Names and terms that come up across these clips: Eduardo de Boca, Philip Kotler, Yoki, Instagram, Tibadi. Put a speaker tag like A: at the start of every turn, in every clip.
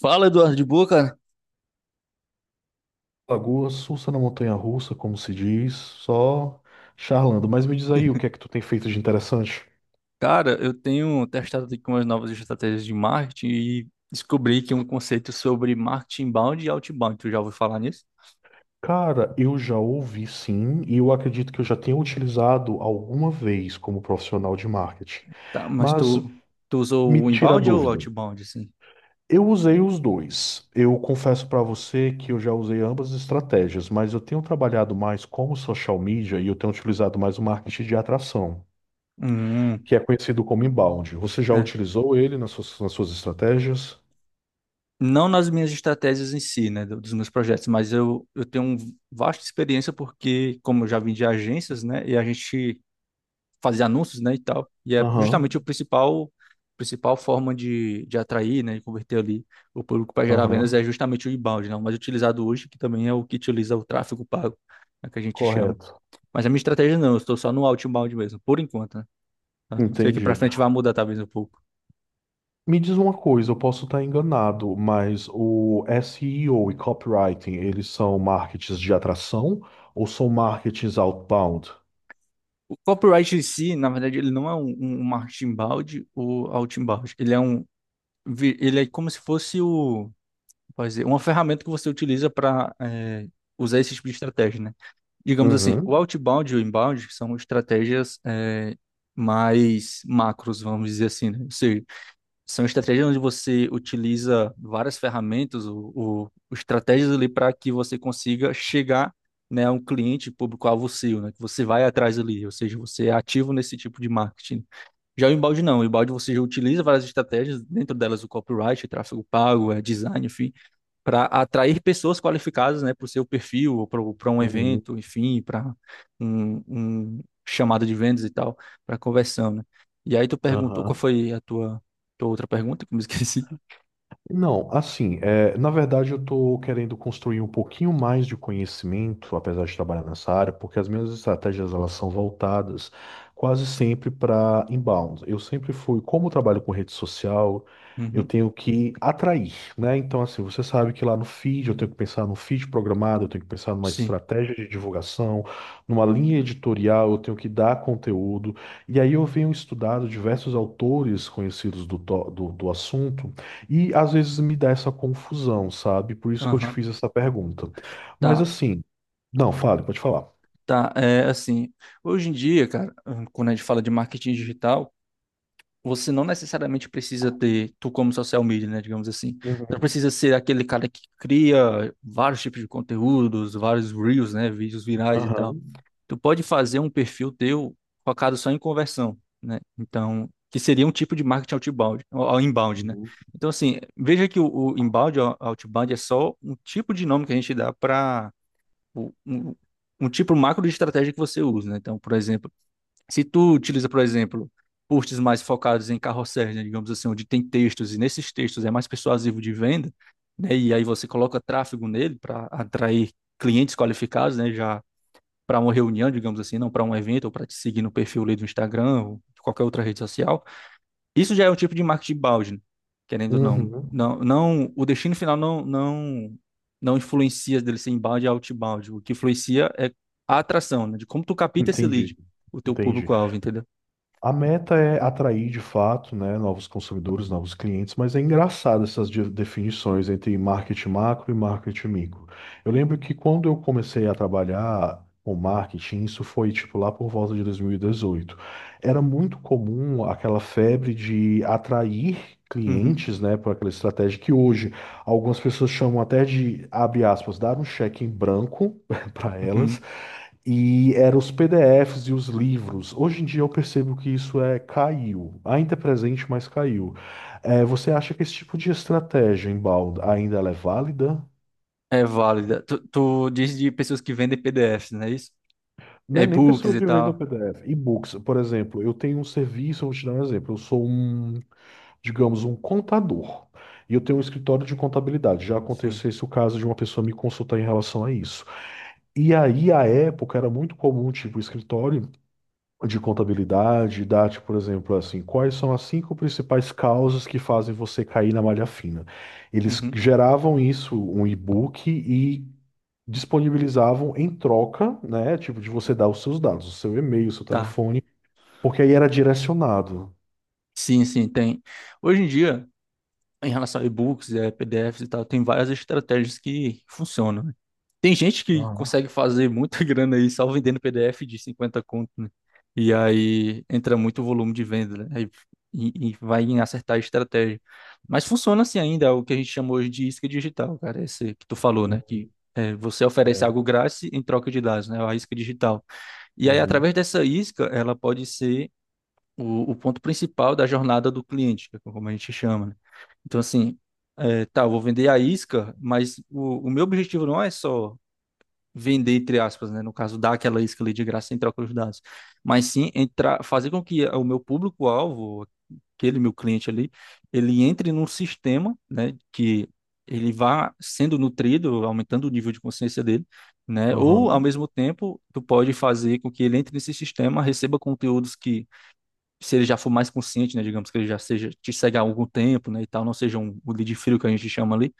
A: Fala, Eduardo de Boca.
B: Lagoa Sussa na Montanha Russa, como se diz, só charlando. Mas me diz aí o que é que tu tem feito de interessante?
A: Cara, eu tenho testado aqui umas novas estratégias de marketing e descobri que um conceito sobre marketing inbound e outbound. Tu já ouviu falar nisso?
B: Cara, eu já ouvi sim, e eu acredito que eu já tenha utilizado alguma vez como profissional de marketing.
A: Tá, mas
B: Mas
A: tu usou
B: me
A: o
B: tira a
A: inbound ou o
B: dúvida.
A: outbound, assim?
B: Eu usei os dois. Eu confesso para você que eu já usei ambas as estratégias, mas eu tenho trabalhado mais como social media e eu tenho utilizado mais o marketing de atração,
A: Hum,
B: que é conhecido como inbound. Você já
A: é.
B: utilizou ele nas suas estratégias?
A: Não nas minhas estratégias em si, né, dos meus projetos, mas eu tenho um vasta experiência porque, como eu já vim de agências, né, e a gente fazer anúncios, né, e tal. E é justamente o
B: Aham,
A: principal forma de atrair, né, e converter ali o público para gerar vendas
B: aham,
A: é justamente o inbound, né, o mais utilizado hoje, que também é o que utiliza o tráfego pago, é que a gente chama.
B: correto.
A: Mas a minha estratégia não, eu estou só no outbound mesmo, por enquanto, né? Tá? Sei que para
B: Entendi.
A: frente vai mudar talvez um pouco.
B: Me diz uma coisa, eu posso estar enganado, mas o SEO e O e copywriting, eles são marketings de atração ou são marketings outbound?
A: O copyright em si, na verdade, ele não é um marketing inbound ou outbound. Ele é ele é como se fosse pode dizer, uma ferramenta que você utiliza para usar esse tipo de estratégia, né? Digamos assim, o
B: Uhum.
A: outbound e o inbound são estratégias mais macros, vamos dizer assim, né? Ou seja, são estratégias onde você utiliza várias ferramentas, estratégias ali para que você consiga chegar, né, a um cliente público-alvo seu, né? Que você vai atrás ali, ou seja, você é ativo nesse tipo de marketing. Já o inbound não, o inbound você já utiliza várias estratégias, dentro delas o copyright, tráfego pago, design, enfim, para atrair pessoas qualificadas, né, para o seu perfil, para um
B: Uhum.
A: evento, enfim, para um, um chamado de vendas e tal, para conversão, né? E aí tu perguntou qual foi a tua, tua outra pergunta, que eu me esqueci.
B: Não, assim, é, na verdade eu estou querendo construir um pouquinho mais de conhecimento, apesar de trabalhar nessa área, porque as minhas estratégias elas são voltadas quase sempre para inbound. Eu sempre fui, como eu trabalho com rede social, eu
A: Uhum,
B: tenho que atrair, né? Então, assim, você sabe que lá no feed eu tenho que pensar no feed programado, eu tenho que pensar numa
A: sim.
B: estratégia de divulgação, numa linha editorial, eu tenho que dar conteúdo. E aí eu venho estudado diversos autores conhecidos do, to- do do assunto. E às vezes me dá essa confusão, sabe? Por isso que eu te
A: Aham.
B: fiz essa pergunta. Mas
A: Tá,
B: assim, não, fale, pode falar.
A: tá. É assim, hoje em dia, cara, quando a gente fala de marketing digital, você não necessariamente precisa ter, tu como social media, né, digamos assim, tu não
B: Uhum.
A: precisa ser aquele cara que cria vários tipos de conteúdos, vários reels, né, vídeos virais e tal.
B: Aham.
A: Tu pode fazer um perfil teu focado só em conversão, né? Então, que seria um tipo de marketing outbound, ou inbound, né?
B: Uhum.
A: Então, assim, veja que o inbound, o outbound é só um tipo de nome que a gente dá para um, um tipo macro de estratégia que você usa, né? Então, por exemplo, se tu utiliza, por exemplo, posts mais focados em carrosséis, né, digamos assim, onde tem textos e nesses textos é mais persuasivo de venda, né? E aí você coloca tráfego nele para atrair clientes qualificados, né? Já para uma reunião, digamos assim, não para um evento ou para te seguir no perfil ali do Instagram ou de qualquer outra rede social, isso já é um tipo de marketing balde, né? Querendo ou não.
B: Uhum.
A: Não, não, o destino final não influencia dele ser inbound e outbound. O que influencia é a atração, né? De como tu capta esse
B: Entendi,
A: lead, o teu
B: entendi.
A: público-alvo, entendeu?
B: A meta é atrair de fato, né, novos consumidores, novos clientes, mas é engraçado essas definições entre marketing macro e marketing micro. Eu lembro que quando eu comecei a trabalhar com marketing, isso foi tipo lá por volta de 2018. Era muito comum aquela febre de atrair
A: Uhum,
B: clientes, né, por aquela estratégia que hoje algumas pessoas chamam até de, abre aspas, dar um cheque em branco para elas,
A: uhum.
B: e eram os PDFs e os livros. Hoje em dia eu percebo que isso é caiu, ainda é presente, mas caiu. É, você acha que esse tipo de estratégia inbound ainda ela é válida?
A: É válida. Tu diz de pessoas que vendem PDFs, não é isso?
B: Não é nem
A: E-books
B: pessoa
A: e
B: vivendo o
A: tal.
B: PDF. E-books, por exemplo, eu tenho um serviço, eu vou te dar um exemplo. Eu sou um, digamos, um contador. E eu tenho um escritório de contabilidade. Já aconteceu
A: Sim.
B: esse o caso de uma pessoa me consultar em relação a isso. E aí, à época, era muito comum, tipo, o escritório de contabilidade, DAT, por exemplo, assim, quais são as cinco principais causas que fazem você cair na malha fina? Eles
A: Uhum.
B: geravam isso, um e-book, e disponibilizavam em troca, né? Tipo, de você dar os seus dados, o seu e-mail, o seu
A: Tá.
B: telefone, porque aí era direcionado.
A: Sim, sim, tem. Hoje em dia, em relação a e-books, PDFs e tal, tem várias estratégias que funcionam, né? Tem gente que
B: Aham.
A: consegue fazer muita grana aí só vendendo PDF de 50 conto, né? E aí entra muito volume de venda, né? E vai em acertar a estratégia. Mas funciona assim ainda, é o que a gente chama hoje de isca digital, cara, esse que tu falou, né?
B: Uhum.
A: Você oferece
B: É.
A: algo grátis em troca de dados, né? É a isca digital. E aí,
B: Uhum.
A: através dessa isca, ela pode ser o ponto principal da jornada do cliente, que é como a gente chama, né? Então, assim, tá, eu vou vender a isca, mas o meu objetivo não é só vender, entre aspas, né? No caso, dar aquela isca ali de graça sem troca de dados, mas sim entrar, fazer com que o meu público-alvo, aquele meu cliente ali, ele entre num sistema, né? Que ele vá sendo nutrido, aumentando o nível de consciência dele, né? Ou,
B: Aham.
A: ao mesmo tempo, tu pode fazer com que ele entre nesse sistema, receba conteúdos que se ele já for mais consciente, né, digamos que ele já seja te segue há algum tempo, né, e tal, não seja um o lead frio que a gente chama ali,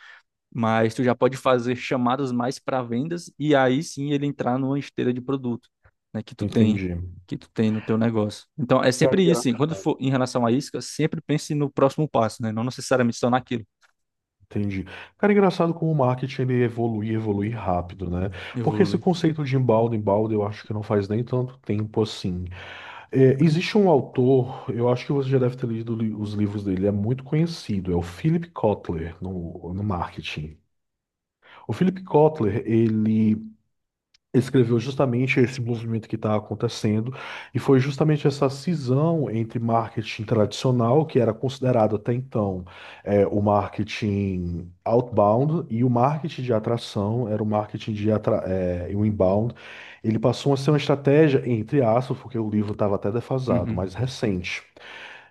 A: mas tu já pode fazer chamadas mais para vendas e aí sim ele entrar numa esteira de produto, né,
B: Entendi.
A: que tu tem no teu negócio. Então é
B: Cara,
A: sempre isso,
B: engra-
A: assim, quando for em relação a isca, sempre pense no próximo passo, né, não necessariamente só naquilo.
B: Entendi. Cara, engraçado como o marketing ele evolui, evolui rápido, né? Porque esse
A: Evoluir.
B: conceito de embalde, eu acho que não faz nem tanto tempo assim. É, existe um autor, eu acho que você já deve ter lido os livros dele, é muito conhecido, é o Philip Kotler no marketing. O Philip Kotler, ele escreveu justamente esse movimento que está acontecendo, e foi justamente essa cisão entre marketing tradicional, que era considerado até então o marketing outbound, e o marketing de atração, era o marketing de atra é, o inbound. Ele passou a ser uma estratégia, entre aspas, porque o livro estava até defasado,
A: Uhum.
B: mas recente.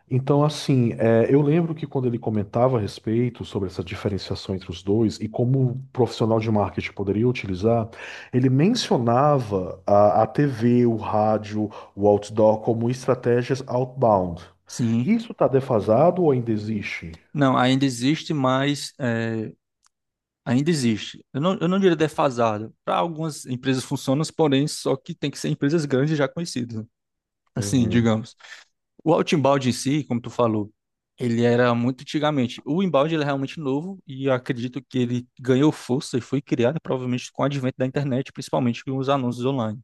B: Então, assim, é, eu lembro que quando ele comentava a respeito sobre essa diferenciação entre os dois e como o profissional de marketing poderia utilizar, ele mencionava a TV, o rádio, o outdoor como estratégias outbound.
A: Sim.
B: Isso está defasado ou ainda existe?
A: Não, ainda existe, ainda existe. Eu não diria defasado. Para algumas empresas funciona, porém, só que tem que ser empresas grandes já conhecidas, né? Assim,
B: Uhum.
A: digamos. O outbound em si, como tu falou, ele era muito antigamente. O inbound ele é realmente novo e eu acredito que ele ganhou força e foi criado provavelmente com o advento da internet, principalmente com os anúncios online,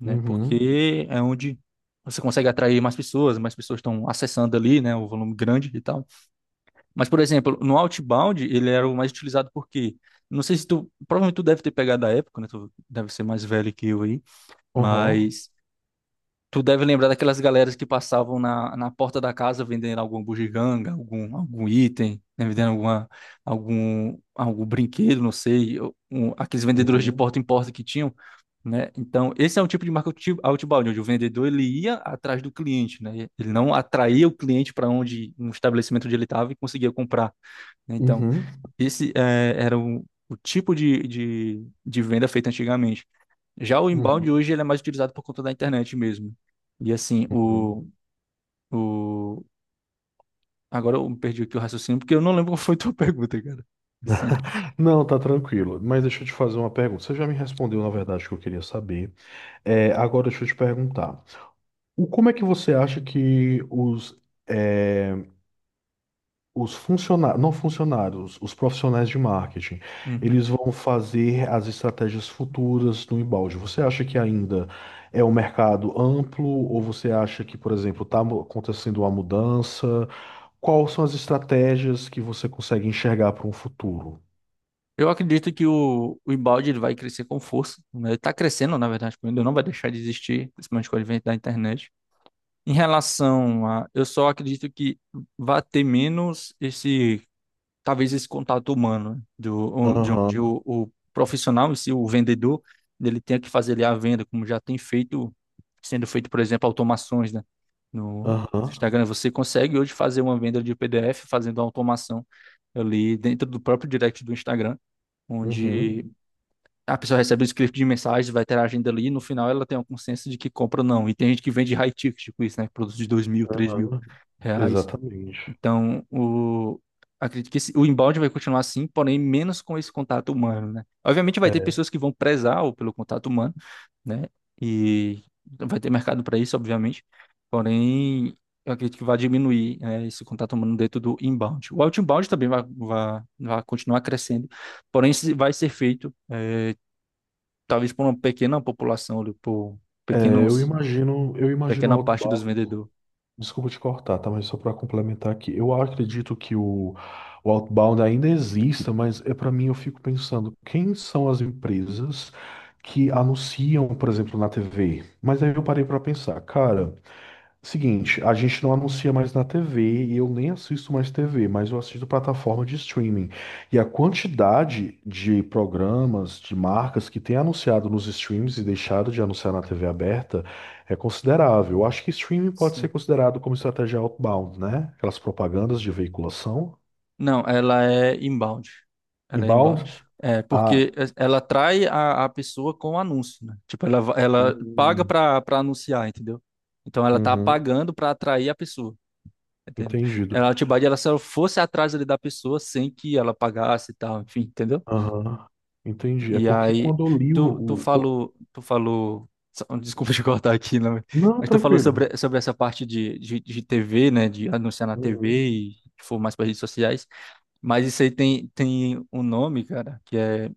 A: né?
B: Uhum.
A: Porque é onde você consegue atrair mais pessoas estão acessando ali, né? O volume grande e tal. Mas, por exemplo, no Outbound, ele era o mais utilizado porque, não sei se tu, provavelmente tu deve ter pegado a época, né? Tu deve ser mais velho que eu aí,
B: Uhum.
A: mas tu deve lembrar daquelas galeras que passavam na, na porta da casa vendendo alguma bugiganga, algum, algum item, né? Vendendo alguma, algum, algum brinquedo, não sei, um, aqueles vendedores de
B: Uhum.
A: porta em porta que tinham, né? Então, esse é um tipo de marketing outbound, onde o vendedor ele ia atrás do cliente, né? Ele não atraía o cliente para onde um estabelecimento onde ele estava e conseguia comprar né? Então,
B: Uhum.
A: esse era o tipo de venda feita antigamente. Já o inbound
B: Uhum.
A: hoje ele é mais utilizado por conta da internet mesmo. E assim,
B: Uhum.
A: o... agora eu perdi aqui o raciocínio porque eu não lembro qual foi a tua pergunta, cara. Sim.
B: Não, tá tranquilo. Mas deixa eu te fazer uma pergunta. Você já me respondeu, na verdade, o que eu queria saber. É, agora deixa eu te perguntar. Como é que você acha que os, eh, os funcionários, não funcionários, os profissionais de marketing,
A: Uhum.
B: eles vão fazer as estratégias futuras no embalde? Você acha que ainda é um mercado amplo ou você acha que, por exemplo, está acontecendo uma mudança? Quais são as estratégias que você consegue enxergar para um futuro?
A: Eu acredito que o inbound ele vai crescer com força, né? Ele está crescendo, na verdade, ainda não vai deixar de existir, principalmente com o advento da internet. Em relação a, eu só acredito que vai ter menos esse talvez esse contato humano, né? De onde
B: Aham.
A: o profissional, se o vendedor, ele tenha que fazer ali a venda, como já tem feito, sendo feito, por exemplo, automações, né? No
B: Aham.
A: Instagram, você consegue hoje fazer uma venda de PDF fazendo a automação ali dentro do próprio direct do Instagram,
B: Uhum.
A: onde a pessoa recebe o script de mensagem, vai ter a agenda ali, e no final ela tem uma consciência de que compra ou não. E tem gente que vende high ticket com isso, né? Produtos de dois mil, três mil
B: Aham.
A: reais.
B: Exatamente.
A: Então, acredito que o inbound vai continuar assim, porém menos com esse contato humano, né? Obviamente vai ter
B: É,
A: pessoas que vão prezar pelo contato humano, né? E vai ter mercado para isso, obviamente. Porém, eu acredito que vai diminuir, né, esse contato humano dentro do inbound. O outbound também vai continuar crescendo, porém vai ser feito, talvez por uma pequena população, ali, por
B: é,
A: pequenos,
B: eu imagino o
A: pequena parte dos
B: outbound.
A: vendedores.
B: Desculpa te cortar, tá? Mas só para complementar aqui, eu acredito que o outbound ainda exista, mas é para mim eu fico pensando, quem são as empresas que anunciam, por exemplo, na TV? Mas aí eu parei para pensar, cara. Seguinte, a gente não anuncia mais na TV e eu nem assisto mais TV, mas eu assisto plataforma de streaming. E a quantidade de programas, de marcas que tem anunciado nos streams e deixado de anunciar na TV aberta é considerável. Eu acho que streaming pode ser considerado como estratégia outbound, né? Aquelas propagandas de veiculação.
A: Não, ela é inbound. Ela é
B: Inbound?
A: inbound.
B: Ah,
A: Ela atrai a pessoa com o anúncio, né? Tipo, ela paga
B: hum.
A: para anunciar, entendeu? Então ela tá
B: Uhum.
A: pagando para atrair a pessoa, entendeu?
B: Entendido.
A: Ela, a Tibadi, ela só fosse atrás ali da pessoa sem que ela pagasse e tal, enfim, entendeu?
B: Aham, entendi. É
A: E
B: porque
A: aí,
B: quando eu li o... o- co-
A: tu falou, desculpa te cortar aqui, né?
B: Não,
A: Mas tu falou
B: tranquilo.
A: sobre, sobre essa parte de TV, né? De anunciar na TV
B: Uhum.
A: e for mais para redes sociais. Mas isso aí tem, tem um nome, cara, que é.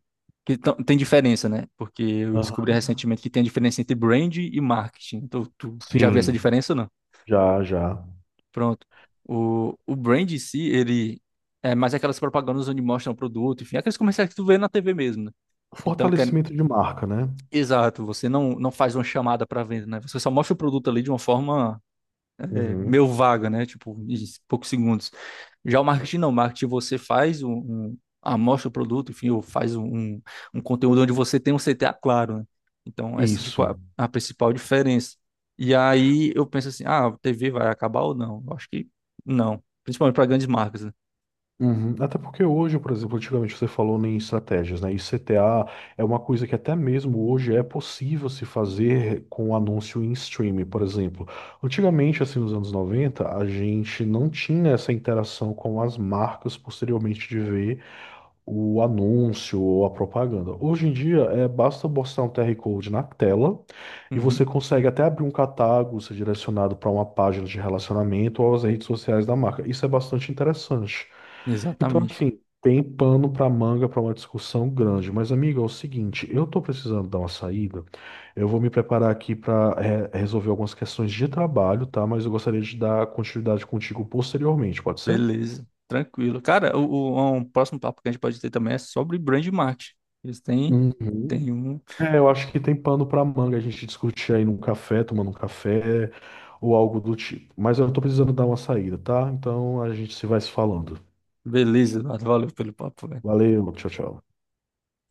A: Tem diferença, né? Porque eu descobri
B: Aham.
A: recentemente que tem a diferença entre brand e marketing. Então, tu já viu essa
B: Sim,
A: diferença ou não?
B: já, já.
A: Pronto. O brand em si, ele é mais aquelas propagandas onde mostram o produto, enfim, aqueles comerciais que tu vê na TV mesmo, né? Então, que é-
B: Fortalecimento de marca, né?
A: exato, você não faz uma chamada para venda, né? Você só mostra o produto ali de uma forma
B: Uhum.
A: meio vaga, né? Tipo, em poucos segundos. Já o marketing não, o marketing você faz um amostra o produto, enfim, ou faz um, um conteúdo onde você tem um CTA claro, né? Então, essa tipo
B: Isso.
A: a principal diferença. E aí eu penso assim, ah, a TV vai acabar ou não? Eu acho que não, principalmente para grandes marcas, né?
B: Uhum. Até porque hoje, por exemplo, antigamente você falou em estratégias, né? E CTA é uma coisa que até mesmo hoje é possível se fazer com anúncio em streaming, por exemplo. Antigamente, assim, nos anos 90, a gente não tinha essa interação com as marcas posteriormente de ver o anúncio ou a propaganda. Hoje em dia, é, basta mostrar um QR Code na tela e você
A: Uhum.
B: consegue até abrir um catálogo, ser direcionado para uma página de relacionamento ou às redes sociais da marca. Isso é bastante interessante. Então,
A: Exatamente.
B: assim, tem pano para manga para uma discussão grande. Mas, amigo é o seguinte, eu estou precisando dar uma saída. Eu vou me preparar aqui para resolver algumas questões de trabalho, tá? Mas eu gostaria de dar continuidade contigo posteriormente, pode ser?
A: Beleza, tranquilo. Cara, um próximo papo que a gente pode ter também é sobre brand marketing. Eles têm, têm
B: Uhum.
A: um.
B: É, eu acho que tem pano para manga a gente discutir aí num café, tomando um café ou algo do tipo. Mas eu estou precisando dar uma saída, tá? Então a gente se vai se falando.
A: Beleza, Eduardo, valeu pelo papo, velho.
B: Valeu, tchau, tchau.